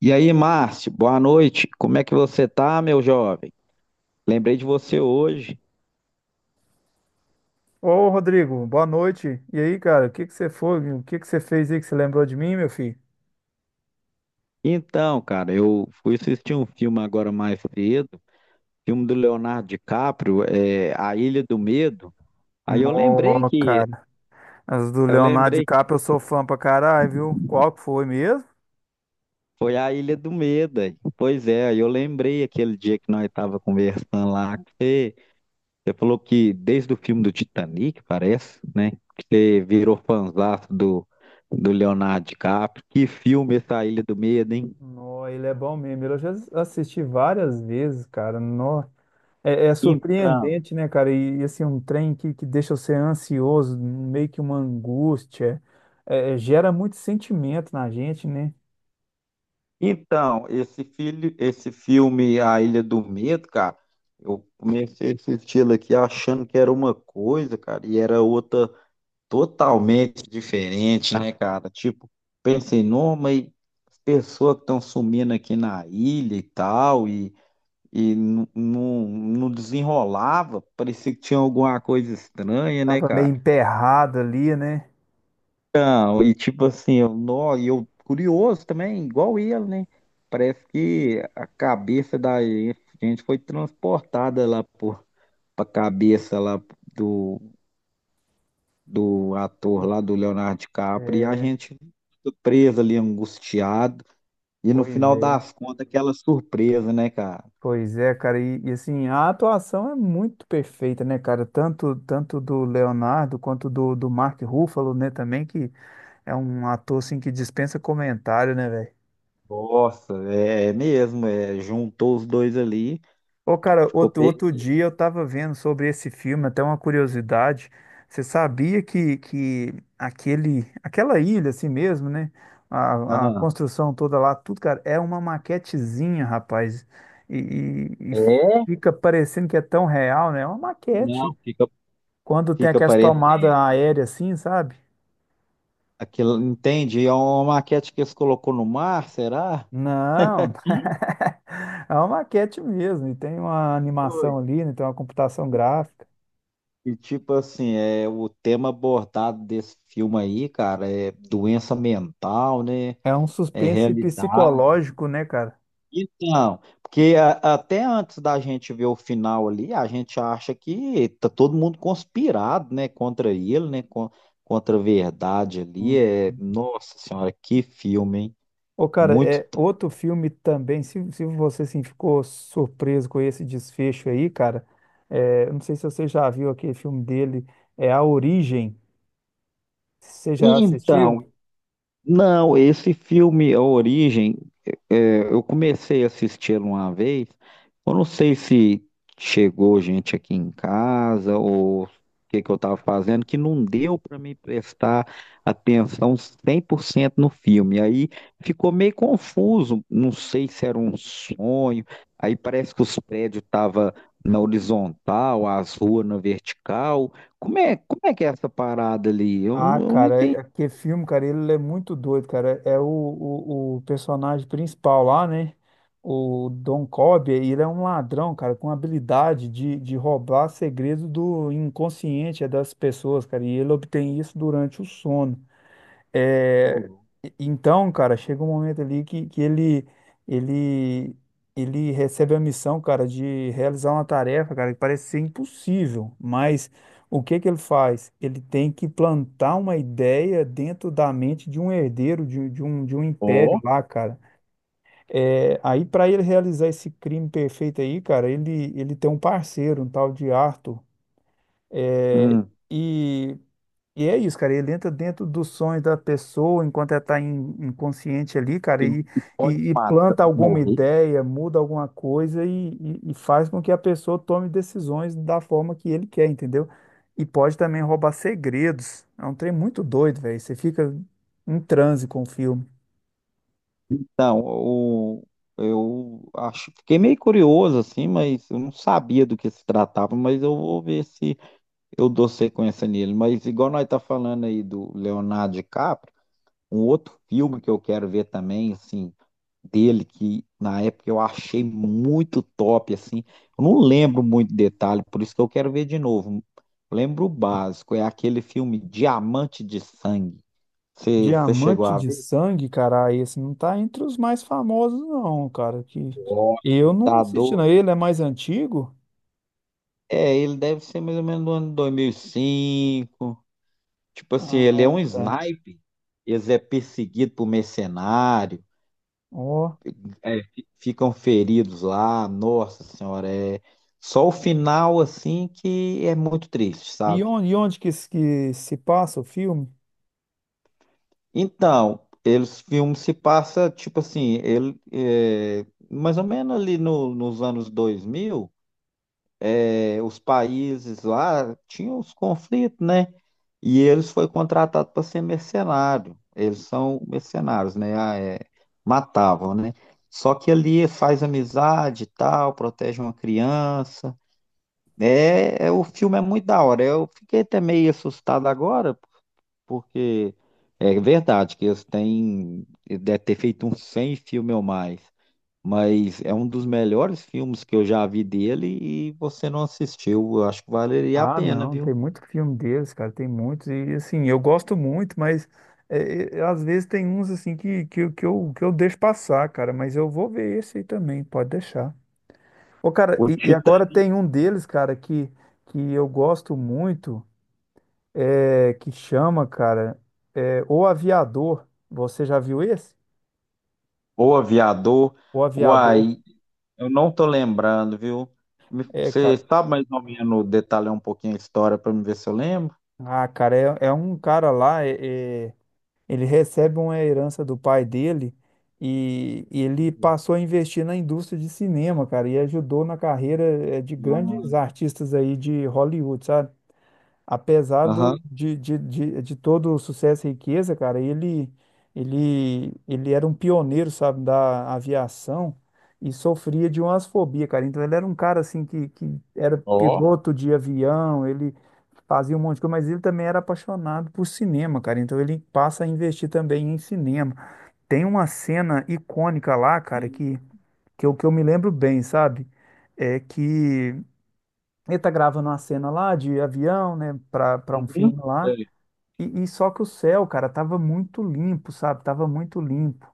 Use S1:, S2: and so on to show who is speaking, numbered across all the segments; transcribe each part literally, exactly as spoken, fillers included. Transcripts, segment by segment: S1: E aí, Márcio, boa noite. Como é que você tá, meu jovem? Lembrei de você hoje.
S2: Ô, Rodrigo, boa noite. E aí, cara, o que que você foi? O que que você fez aí que você lembrou de mim, meu filho?
S1: Então, cara, eu fui assistir um filme agora mais cedo, filme do Leonardo DiCaprio, é, A Ilha do Medo. Aí eu lembrei
S2: Ô,
S1: que,
S2: cara, as do
S1: eu
S2: Leonardo
S1: lembrei que
S2: DiCaprio eu sou fã pra caralho, viu? Qual que foi mesmo?
S1: foi A Ilha do Medo. Aí. Pois é, aí eu lembrei aquele dia que nós tava conversando lá, que você, você falou que desde o filme do Titanic, parece, né? Que você virou fãzaço do, do Leonardo DiCaprio. Que filme essa Ilha do Medo, hein?
S2: Nó, ele é bom mesmo. Eu já assisti várias vezes, cara. Nó. É, é
S1: Então,
S2: surpreendente, né, cara? E, e, assim, um trem que, que deixa você ansioso, meio que uma angústia. É, é, gera muito sentimento na gente, né?
S1: então, esse filho, esse filme A Ilha do Medo, cara, eu comecei a assistir ele aqui achando que era uma coisa, cara, e era outra totalmente diferente, né, cara? Tipo, pensei, não, mas as pessoas que estão sumindo aqui na ilha e tal, e, e não não- não desenrolava, parecia que tinha alguma coisa estranha, né,
S2: Tava meio
S1: cara?
S2: emperrado ali, né?
S1: Então, e tipo assim, eu, nó, e eu curioso também, igual ele, né? Parece que a cabeça da gente foi transportada lá por, pra cabeça lá do, do ator lá do Leonardo DiCaprio e a
S2: É,
S1: gente ficou preso ali, angustiado. E no
S2: pois
S1: final
S2: é.
S1: das contas, aquela surpresa, né, cara?
S2: Pois é, cara, e, e assim, a atuação é muito perfeita, né, cara? Tanto, tanto do Leonardo quanto do, do Mark Ruffalo, né, também, que é um ator, assim, que dispensa comentário, né, velho?
S1: Nossa, é, é mesmo, é, juntou os dois ali,
S2: Ô,
S1: que
S2: cara,
S1: ficou
S2: outro,
S1: pe...
S2: outro dia eu tava vendo sobre esse filme, até uma curiosidade. Você sabia que, que aquele, aquela ilha, assim mesmo, né? A, a
S1: Aham.
S2: construção toda lá, tudo, cara, é uma maquetezinha, rapaz. E, e, e
S1: É?
S2: fica parecendo que é tão real, né? É uma
S1: Não,
S2: maquete.
S1: fica,
S2: Quando tem
S1: fica
S2: aquelas
S1: parecendo.
S2: tomadas aéreas assim, sabe?
S1: Aquilo, entende? É uma maquete que eles colocou no mar, será?
S2: Não, é uma maquete mesmo, e tem uma
S1: Oi.
S2: animação ali, né? Tem uma computação gráfica.
S1: E tipo assim, é o tema abordado desse filme aí, cara, é doença mental, né?
S2: É um
S1: É
S2: suspense
S1: realidade.
S2: psicológico, né, cara?
S1: Então, porque a- até antes da gente ver o final ali, a gente acha que tá todo mundo conspirado, né, contra ele, né, con- contra a verdade ali.
S2: Hum.
S1: É, nossa senhora, que filme, hein?
S2: Ô, cara,
S1: Muito.
S2: é outro filme também. Se, se você assim, ficou surpreso com esse desfecho aí, cara, é, eu não sei se você já viu aquele filme dele, é A Origem. Você já
S1: Então,
S2: assistiu?
S1: não, esse filme, A Origem, é, eu comecei a assistir uma vez. Eu não sei se chegou gente aqui em casa ou o que que eu estava fazendo, que não deu para me prestar atenção cem por cento no filme. Aí ficou meio confuso, não sei se era um sonho. Aí parece que os prédios estavam na horizontal, as ruas na vertical. Como é, como é que é essa parada ali? Eu,
S2: Ah,
S1: eu não
S2: cara, é-
S1: entendi.
S2: aquele filme, cara, ele é muito doido, cara. É o, o, o personagem principal lá, né? O Don Cobb, ele é um ladrão, cara, com habilidade de, de roubar segredos do inconsciente é das pessoas, cara. E ele obtém isso durante o sono.
S1: Ô,
S2: É,
S1: louco.
S2: e- então, cara, chega um momento ali que, que ele, ele, ele recebe a missão, cara, de realizar uma tarefa, cara, que parece ser impossível, mas o que que ele faz? Ele tem que plantar uma ideia dentro da mente de um herdeiro, de, de um, de um império lá, cara. É, aí, para ele realizar esse crime perfeito aí, cara, ele, ele tem um parceiro, um tal de Arthur. É,
S1: Hum.
S2: e e é isso, cara. Ele entra dentro dos sonhos da pessoa enquanto ela está inconsciente ali, cara,
S1: E,
S2: e,
S1: e pode
S2: e, e
S1: mata,
S2: planta alguma
S1: morrer?
S2: ideia, muda alguma coisa e, e, e faz com que a pessoa tome decisões da forma que ele quer, entendeu? E pode também roubar segredos. É um trem muito doido, velho. Você fica em transe com o filme.
S1: Então, o, eu acho, fiquei meio curioso assim, mas eu não sabia do que se tratava, mas eu vou ver se eu dou sequência nele. Mas igual nós tá falando aí do Leonardo DiCaprio, um outro filme que eu quero ver também, assim, dele que na época eu achei muito top, assim. Eu não lembro muito detalhe, por isso que eu quero ver de novo. Lembro o básico, é aquele filme Diamante de Sangue. Você chegou
S2: Diamante
S1: a...
S2: de Sangue, cara, ah, esse não tá entre os mais famosos, não, cara. Que eu
S1: Nossa,
S2: não
S1: tá
S2: assisti, não.
S1: doido.
S2: Ele é mais antigo?
S1: É, ele deve ser mais ou menos do ano dois mil e cinco. Tipo assim,
S2: Ah,
S1: ele é um
S2: tá.
S1: sniper. Eles é perseguido por mercenário.
S2: Ó.
S1: É, fi- ficam feridos lá. Nossa senhora, é só o final assim que é muito triste,
S2: E
S1: sabe?
S2: onde, e onde que se que se passa o filme?
S1: Então, eles filmes se passa tipo assim, ele é, mais ou menos ali no- nos anos dois mil. É, os países lá tinham os conflitos, né? E eles foi contratado para ser mercenário. Eles são mercenários, né? Ah, é, matavam, né? Só que ali faz amizade e tal, protege uma criança. É, é, o filme é muito da hora. Eu fiquei até meio assustado agora, porque é verdade que eles têm, deve ter feito uns cem filmes ou mais, mas é um dos melhores filmes que eu já vi dele e você não assistiu. Eu acho que valeria a
S2: Ah,
S1: pena,
S2: não,
S1: viu?
S2: tem muito filme deles, cara, tem muitos. E assim, eu gosto muito, mas é, é, às vezes tem uns assim que, que, eu- que, eu, que eu deixo passar, cara, mas eu vou ver esse aí também, pode deixar. Ô, cara,
S1: O
S2: e, e
S1: Tita,
S2: agora tem um deles, cara, que, que eu gosto muito, é, que chama, cara, é, O Aviador. Você já viu esse?
S1: o Aviador,
S2: O Aviador.
S1: uai, eu não tô lembrando, viu? Me-
S2: É,
S1: Você
S2: cara.
S1: sabe mais ou menos detalhar um pouquinho a história para me ver se eu lembro?
S2: Ah, cara, é, é um cara lá, é, é- ele recebe uma herança do pai dele e, e ele passou a investir na indústria de cinema, cara, e ajudou na carreira eh, de grandes
S1: Hum.
S2: artistas aí de Hollywood, sabe? Apesar
S1: Aham.
S2: do, de, de, de, de todo o sucesso e riqueza, cara, ele, ele, ele era um pioneiro, sabe, da aviação e sofria de umas fobias, cara. Então ele era um cara assim que, que era
S1: Ó.
S2: piloto de avião, ele fazia um monte de coisa, mas ele também era apaixonado por cinema, cara. Então ele passa a investir também em cinema. Tem uma cena icônica lá, cara, que, que, eu, que eu me lembro bem, sabe? É que ele tá gravando uma cena lá de avião, né, pra, pra um
S1: Uhum.
S2: filme lá.
S1: Sei,
S2: E, e só que o céu, cara, tava muito limpo, sabe? Tava muito limpo.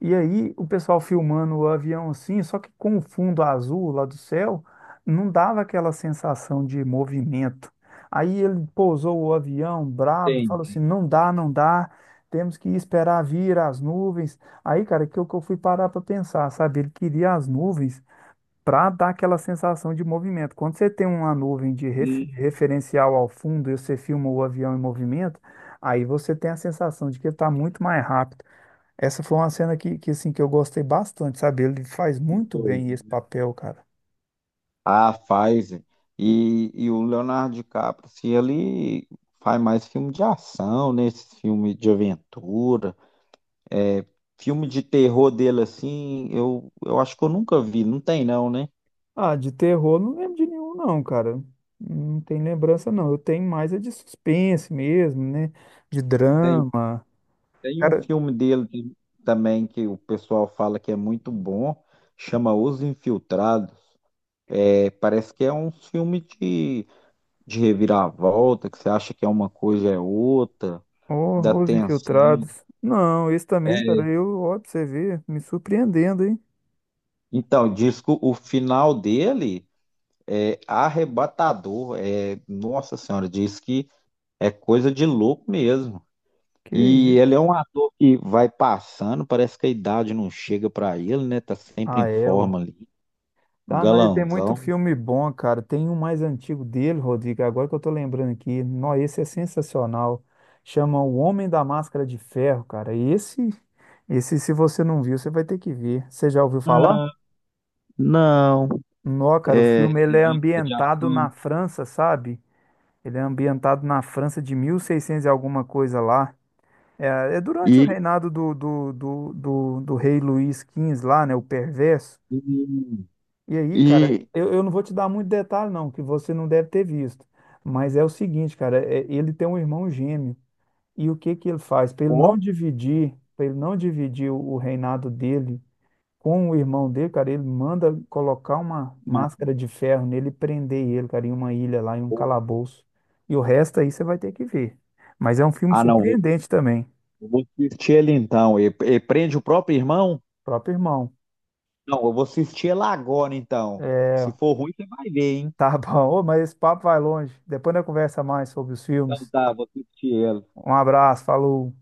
S2: E aí o pessoal filmando o avião assim, só que com o fundo azul lá do céu, não dava aquela sensação de movimento. Aí ele pousou o avião brabo, falou
S1: sei.
S2: assim: não dá, não dá, temos que esperar vir as nuvens. Aí, cara, que eu, que eu fui parar para pensar, sabe? Ele queria as nuvens para dar aquela sensação de movimento. Quando você tem uma nuvem de ref-
S1: Um,
S2: de referencial ao fundo e você filma o avião em movimento, aí você tem a sensação de que ele está muito mais rápido. Essa foi uma cena que, que, assim, que eu gostei bastante, sabe? Ele faz muito
S1: dois.
S2: bem esse papel, cara.
S1: A Pfizer e, e o Leonardo DiCaprio, se ele faz mais filme de ação, né? Esses filme de aventura, é, filme de terror dele assim, eu, eu acho que eu nunca vi, não tem não, né?
S2: Ah, de terror não lembro de nenhum, não, cara. Não tem lembrança, não. Eu tenho mais é de suspense mesmo, né? De
S1: Tem,
S2: drama.
S1: tem um
S2: Cara,
S1: filme dele de- também que o pessoal fala que é muito bom, chama Os Infiltrados. É, parece que é um filme de, de reviravolta, que você acha que é uma coisa é outra, da
S2: oh, Os
S1: tensão.
S2: Infiltrados. Não, esse também,
S1: É,
S2: cara, eu, ó, pra você ver, me surpreendendo, hein?
S1: então, disco, o final dele é arrebatador. É, nossa senhora, diz que é coisa de louco mesmo.
S2: Que
S1: E ele é um ator que vai passando, parece que a idade não chega para ele, né? Tá sempre em
S2: ah, é, ué.
S1: forma ali. Um
S2: Ah, não, ele tem muito
S1: Galanzão.
S2: filme bom, cara. Tem um mais antigo dele, Rodrigo, agora que eu tô lembrando aqui. Não, esse é sensacional. Chama O Homem da Máscara de Ferro, cara. Esse, esse, se você não viu, você vai ter que ver. Você já ouviu falar?
S1: Não,
S2: Não, cara, o
S1: é,
S2: filme ele
S1: é
S2: é
S1: de, é de
S2: ambientado na
S1: ação.
S2: França, sabe? Ele é ambientado na França de mil e seiscentos e seiscentos e alguma coisa lá. É, é durante o
S1: E,
S2: reinado do, do, do, do, do rei Luís Quinze lá, né? O perverso. E aí,
S1: e,
S2: cara,
S1: e
S2: eu, eu não vou te dar muito detalhe, não, que você não deve ter visto. Mas é o seguinte, cara, é- ele tem um irmão gêmeo. E o que que ele faz? Para ele
S1: ó,
S2: não dividir, para ele não dividir o, o reinado dele com o irmão dele, cara, ele manda colocar uma máscara de ferro nele e prender ele, cara, em uma ilha lá, em um calabouço. E o resto aí você vai ter que ver. Mas é um filme
S1: ah, não,
S2: surpreendente também.
S1: eu vou assistir ele então. Ele, ele prende o próprio irmão?
S2: Próprio irmão.
S1: Não, eu vou assistir ela agora, então.
S2: É,
S1: Se for ruim, você vai ver, hein?
S2: tá bom. Ô, mas esse papo vai longe. Depois nós conversa mais sobre os
S1: Então
S2: filmes.
S1: tá, vou assistir ela.
S2: Um abraço, falou.